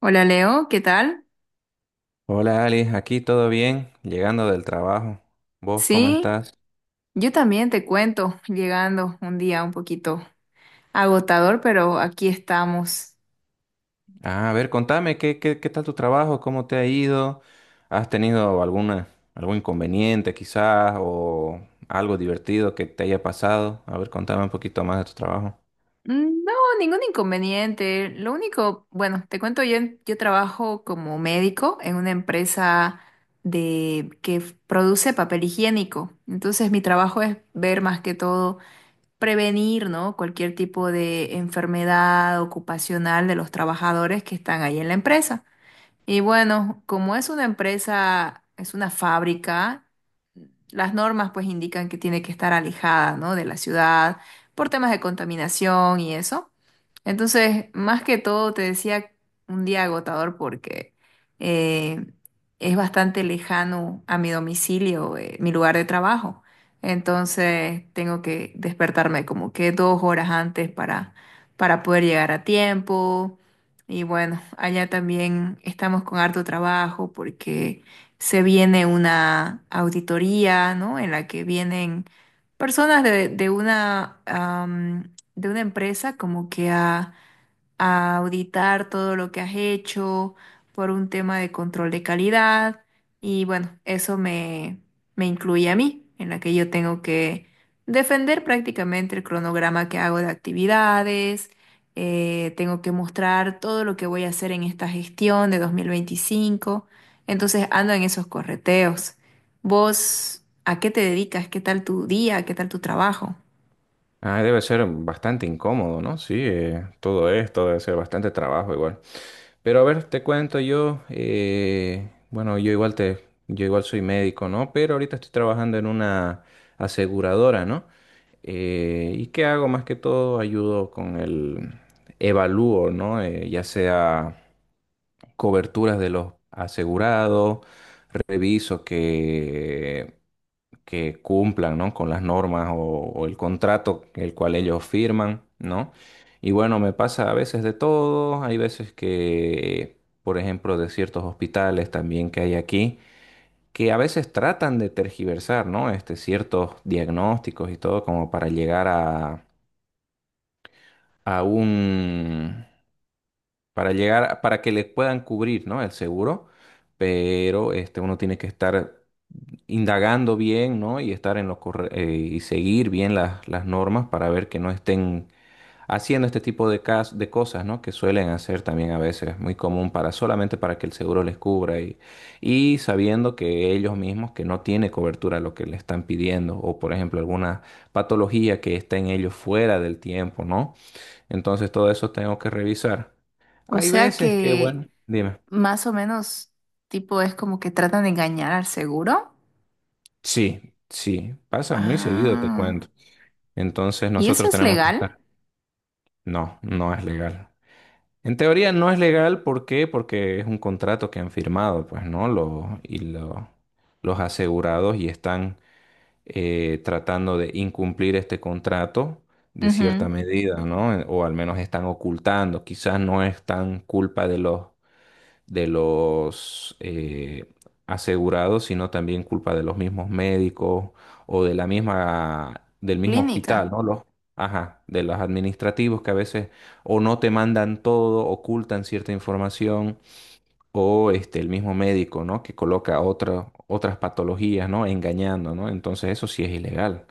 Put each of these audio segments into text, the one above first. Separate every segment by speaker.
Speaker 1: Hola Leo, ¿qué tal?
Speaker 2: Hola Ali, aquí todo bien, llegando del trabajo. ¿Vos cómo
Speaker 1: Sí,
Speaker 2: estás?
Speaker 1: yo también te cuento, llegando un día un poquito agotador, pero aquí estamos.
Speaker 2: Ah, a ver, contame, ¿qué, qué tal tu trabajo? ¿Cómo te ha ido? ¿Has tenido alguna, algún inconveniente quizás o algo divertido que te haya pasado? A ver, contame un poquito más de tu trabajo.
Speaker 1: No, ningún inconveniente. Lo único, bueno, te cuento, yo, yo trabajo como médico en una empresa produce papel higiénico. Entonces mi trabajo es ver más que todo, prevenir, ¿no? Cualquier tipo de enfermedad ocupacional de los trabajadores que están ahí en la empresa. Y bueno, como es una empresa, es una fábrica, las normas pues indican que tiene que estar alejada, ¿no?, de la ciudad por temas de contaminación y eso. Entonces, más que todo, te decía un día agotador porque eh, es bastante lejano a mi domicilio, mi lugar de trabajo. Entonces, tengo que despertarme como que dos horas antes para poder llegar a tiempo y bueno, allá también estamos con harto trabajo porque se viene una auditoría, ¿no? En la que vienen personas de una empresa como que a auditar todo lo que has hecho por un tema de control de calidad y bueno, me incluye a mí, en la que yo tengo que defender prácticamente el cronograma que hago de actividades, tengo que mostrar todo lo que voy a hacer en esta gestión de 2025, entonces ando en esos correteos. ¿Vos a qué te dedicas? ¿Qué tal tu día? ¿Qué tal tu trabajo?
Speaker 2: Ah, debe ser bastante incómodo, ¿no? Sí, todo esto debe ser bastante trabajo igual. Pero a ver, te cuento yo, bueno, yo igual te, yo igual soy médico, ¿no? Pero ahorita estoy trabajando en una aseguradora, ¿no? ¿Y qué hago? Más que todo ayudo con el evalúo, ¿no? Ya sea coberturas de los asegurados, reviso que cumplan, ¿no? Con las normas o el contrato el cual ellos firman, ¿no? Y bueno, me pasa a veces de todo, hay veces que, por ejemplo, de ciertos hospitales también que hay aquí, que a veces tratan de tergiversar, ¿no? Este, ciertos diagnósticos y todo como para llegar a, a un, para llegar, para que les puedan cubrir, ¿no? El seguro, pero este, uno tiene que estar indagando bien, ¿no? Y estar en lo y seguir bien las normas para ver que no estén haciendo este tipo de de cosas, ¿no? Que suelen hacer también a veces, muy común para solamente para que el seguro les cubra y sabiendo que ellos mismos que no tiene cobertura lo que le están pidiendo o por ejemplo alguna patología que esté en ellos fuera del tiempo, ¿no? Entonces todo eso tengo que revisar.
Speaker 1: O
Speaker 2: Hay
Speaker 1: sea
Speaker 2: veces que,
Speaker 1: que...
Speaker 2: bueno, dime.
Speaker 1: Más o menos, tipo, es como que tratan de engañar al seguro.
Speaker 2: Sí, sí, pasa muy seguido, te
Speaker 1: Ah,
Speaker 2: cuento. Entonces
Speaker 1: ¿y eso
Speaker 2: nosotros
Speaker 1: es
Speaker 2: tenemos que
Speaker 1: legal?
Speaker 2: estar. No, no es legal. En teoría no es legal, ¿por qué? Porque es un contrato que han firmado, pues, ¿no? Los asegurados y están tratando de incumplir este contrato de
Speaker 1: Ujú.
Speaker 2: cierta medida, ¿no? O al menos están ocultando. Quizás no es tan culpa de los de los eh, asegurados, sino también culpa de los mismos médicos o de la misma, del mismo
Speaker 1: Clínica.
Speaker 2: hospital, ¿no? Los, ajá, de los administrativos que a veces o no te mandan todo, ocultan cierta información, o este, el mismo médico, ¿no? Que coloca otras patologías, ¿no? Engañando, ¿no? Entonces eso sí es ilegal.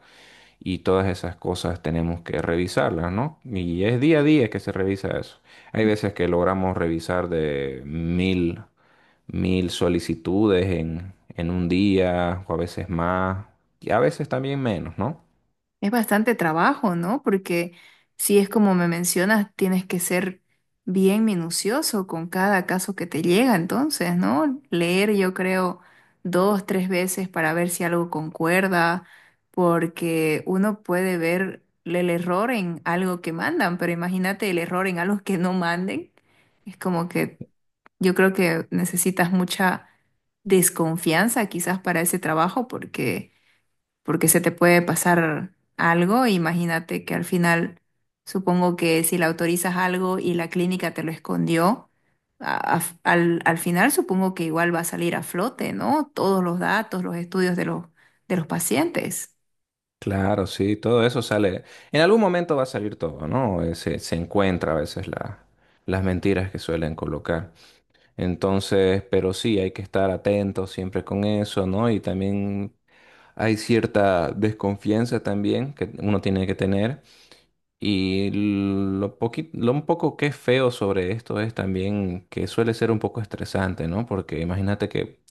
Speaker 2: Y todas esas cosas tenemos que revisarlas, ¿no? Y es día a día que se revisa eso. Hay veces que logramos revisar de mil solicitudes en un día, o a veces más, y a veces también menos, ¿no?
Speaker 1: Es bastante trabajo, ¿no? Porque si es como me mencionas, tienes que ser bien minucioso con cada caso que te llega, entonces, ¿no? Leer, yo creo, dos, tres veces para ver si algo concuerda, porque uno puede ver el error en algo que mandan, pero imagínate el error en algo que no manden. Es como que yo creo que necesitas mucha desconfianza quizás para ese trabajo, porque porque se te puede pasar algo. Imagínate que al final, supongo que si le autorizas algo y la clínica te lo escondió, al final supongo que igual va a salir a flote, ¿no? Todos los datos, los estudios de los pacientes.
Speaker 2: Claro, sí, todo eso sale. En algún momento va a salir todo, ¿no? Se, se encuentra a veces las mentiras que suelen colocar. Entonces, pero sí, hay que estar atentos siempre con eso, ¿no? Y también hay cierta desconfianza también que uno tiene que tener. Y lo lo un poco que es feo sobre esto es también que suele ser un poco estresante, ¿no? Porque imagínate que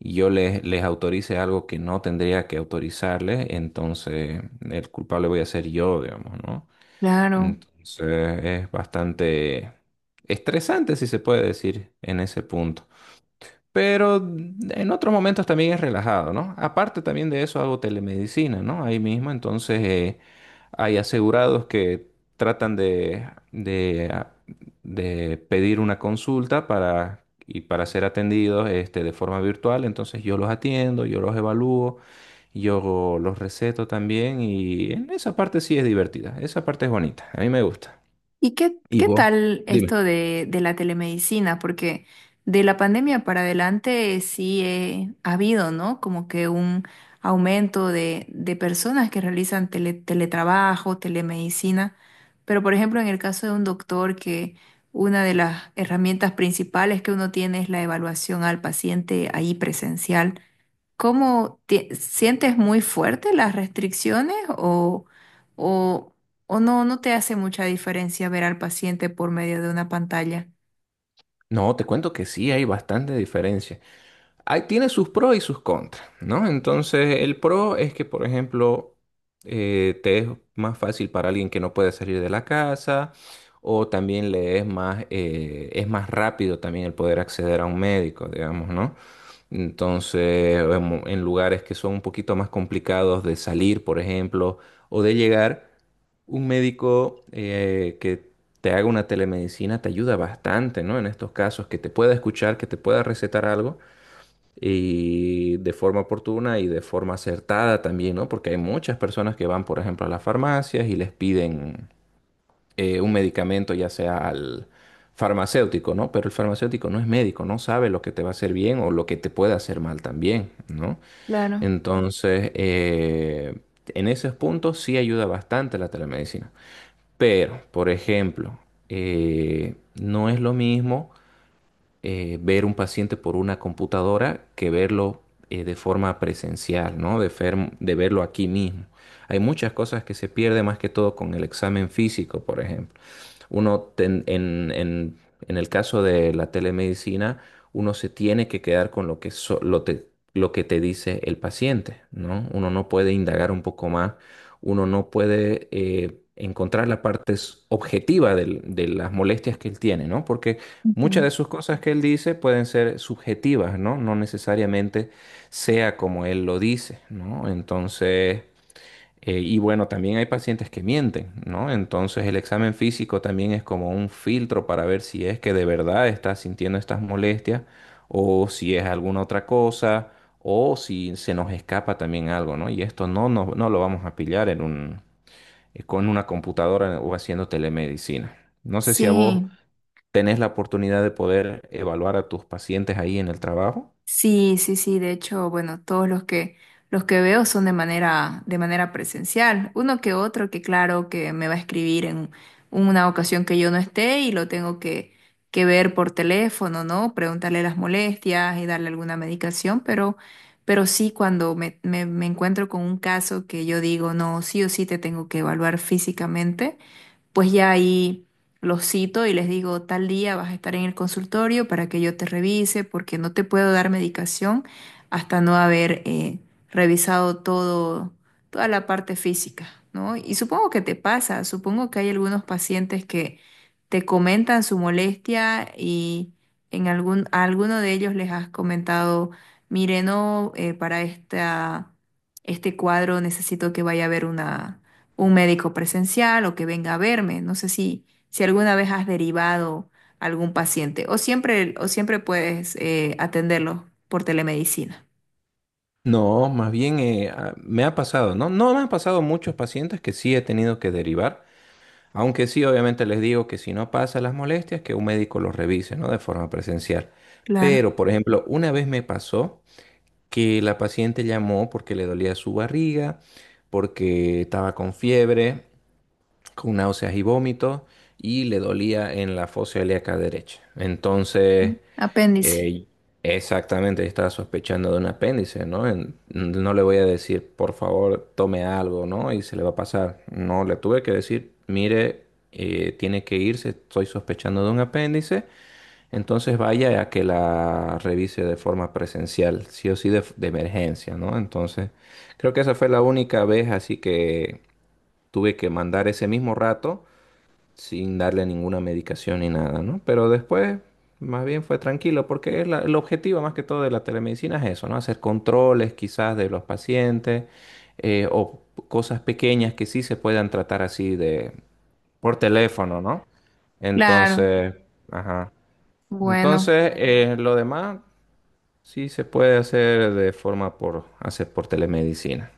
Speaker 2: yo les, les autorice algo que no tendría que autorizarles, entonces el culpable voy a ser yo, digamos, ¿no?
Speaker 1: Claro.
Speaker 2: Entonces es bastante estresante, si se puede decir, en ese punto. Pero en otros momentos también es relajado, ¿no? Aparte también de eso hago telemedicina, ¿no? Ahí mismo, entonces hay asegurados que tratan de, de pedir una consulta para, y para ser atendidos este, de forma virtual, entonces yo los atiendo, yo los evalúo, yo los receto también y en esa parte sí es divertida, esa parte es bonita, a mí me gusta.
Speaker 1: ¿Y qué,
Speaker 2: Y
Speaker 1: qué
Speaker 2: vos,
Speaker 1: tal
Speaker 2: dime.
Speaker 1: esto de la telemedicina? Porque de la pandemia para adelante sí ha habido, ¿no? Como que un aumento de personas que realizan teletrabajo, telemedicina. Pero, por ejemplo, en el caso de un doctor, que una de las herramientas principales que uno tiene es la evaluación al paciente ahí presencial. ¿Cómo sientes muy fuerte las restricciones o, o no, no te hace mucha diferencia ver al paciente por medio de una pantalla?
Speaker 2: No, te cuento que sí hay bastante diferencia. Ahí tiene sus pros y sus contras, ¿no? Entonces, el pro es que, por ejemplo, te es más fácil para alguien que no puede salir de la casa, o también le es más rápido también el poder acceder a un médico, digamos, ¿no? Entonces, en lugares que son un poquito más complicados de salir, por ejemplo, o de llegar, un médico que te haga una telemedicina te ayuda bastante, ¿no? En estos casos, que te pueda escuchar, que te pueda recetar algo y de forma oportuna y de forma acertada también, ¿no? Porque hay muchas personas que van, por ejemplo, a las farmacias y les piden un medicamento, ya sea al farmacéutico, ¿no? Pero el farmacéutico no es médico, no sabe lo que te va a hacer bien o lo que te puede hacer mal también, ¿no?
Speaker 1: Claro.
Speaker 2: Entonces, en esos puntos sí ayuda bastante la telemedicina. Pero, por ejemplo, no es lo mismo ver un paciente por una computadora que verlo de forma presencial, ¿no? De verlo aquí mismo. Hay muchas cosas que se pierde más que todo con el examen físico, por ejemplo. Uno en el caso de la telemedicina, uno se tiene que quedar con lo que, lo que te dice el paciente, ¿no? Uno no puede indagar un poco más. Uno no puede encontrar la parte objetiva de las molestias que él tiene, ¿no? Porque muchas
Speaker 1: Ujú.
Speaker 2: de sus cosas que él dice pueden ser subjetivas, ¿no? No necesariamente sea como él lo dice, ¿no? Entonces... Y bueno, también hay pacientes que mienten, ¿no? Entonces el examen físico también es como un filtro para ver si es que de verdad estás sintiendo estas molestias o si es alguna otra cosa o si se nos escapa también algo, ¿no? Y esto no lo vamos a pillar en un, con una computadora o haciendo telemedicina. No sé si a vos
Speaker 1: Sí.
Speaker 2: tenés la oportunidad de poder evaluar a tus pacientes ahí en el trabajo.
Speaker 1: Sí, sí, sí, de hecho, bueno, todos los que veo son de manera presencial. Uno que otro que claro que me va a escribir en una ocasión que yo no esté y lo tengo que ver por teléfono, ¿no? Preguntarle las molestias y darle alguna medicación, pero sí cuando me encuentro con un caso que yo digo, no, sí o sí te tengo que evaluar físicamente pues ya ahí los cito y les digo, tal día vas a estar en el consultorio para que yo te revise, porque no te puedo dar medicación hasta no haber revisado todo, toda la parte física, ¿no? Y supongo que te pasa, supongo que hay algunos pacientes que te comentan su molestia y en algún, a alguno de ellos les has comentado, mire, no, para este cuadro necesito que vaya a ver una un médico presencial o que venga a verme. No sé si alguna vez has derivado algún paciente o siempre puedes atenderlo por telemedicina.
Speaker 2: No, más bien me ha pasado, ¿no? No me han pasado muchos pacientes que sí he tenido que derivar. Aunque sí, obviamente les digo que si no pasa las molestias, que un médico los revise, ¿no? De forma presencial.
Speaker 1: Claro.
Speaker 2: Pero, por ejemplo, una vez me pasó que la paciente llamó porque le dolía su barriga, porque estaba con fiebre con náuseas y vómitos y le dolía en la fosa ilíaca derecha. Entonces,
Speaker 1: Apéndice.
Speaker 2: eh, exactamente, estaba sospechando de un apéndice, ¿no? No le voy a decir, por favor, tome algo, ¿no? Y se le va a pasar. No, le tuve que decir, mire, tiene que irse, estoy sospechando de un apéndice, entonces vaya a que la revise de forma presencial, sí o sí de emergencia, ¿no? Entonces, creo que esa fue la única vez así que tuve que mandar ese mismo rato sin darle ninguna medicación ni nada, ¿no? Pero después, más bien fue tranquilo, porque es el objetivo más que todo de la telemedicina es eso, ¿no? Hacer controles quizás de los pacientes o cosas pequeñas que sí se puedan tratar así de por teléfono, ¿no?
Speaker 1: Claro.
Speaker 2: Entonces, ajá.
Speaker 1: Bueno,
Speaker 2: Entonces, lo demás sí se puede hacer de forma por telemedicina.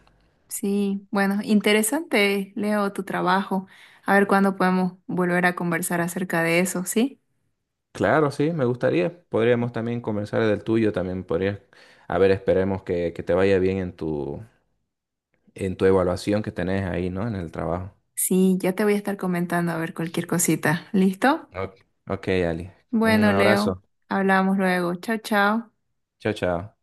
Speaker 1: sí. Bueno, interesante, Leo, tu trabajo. A ver cuándo podemos volver a conversar acerca de eso, ¿sí?
Speaker 2: Claro, sí, me gustaría. Podríamos también conversar del tuyo, también podrías, a ver, esperemos que te vaya bien en tu evaluación que tenés ahí, ¿no? En el trabajo.
Speaker 1: Sí, ya te voy a estar comentando a ver cualquier cosita. ¿Listo?
Speaker 2: Ok. Ok, Ali. Un
Speaker 1: Bueno, Leo,
Speaker 2: abrazo.
Speaker 1: hablamos luego. Chao, chao.
Speaker 2: Chao, chao.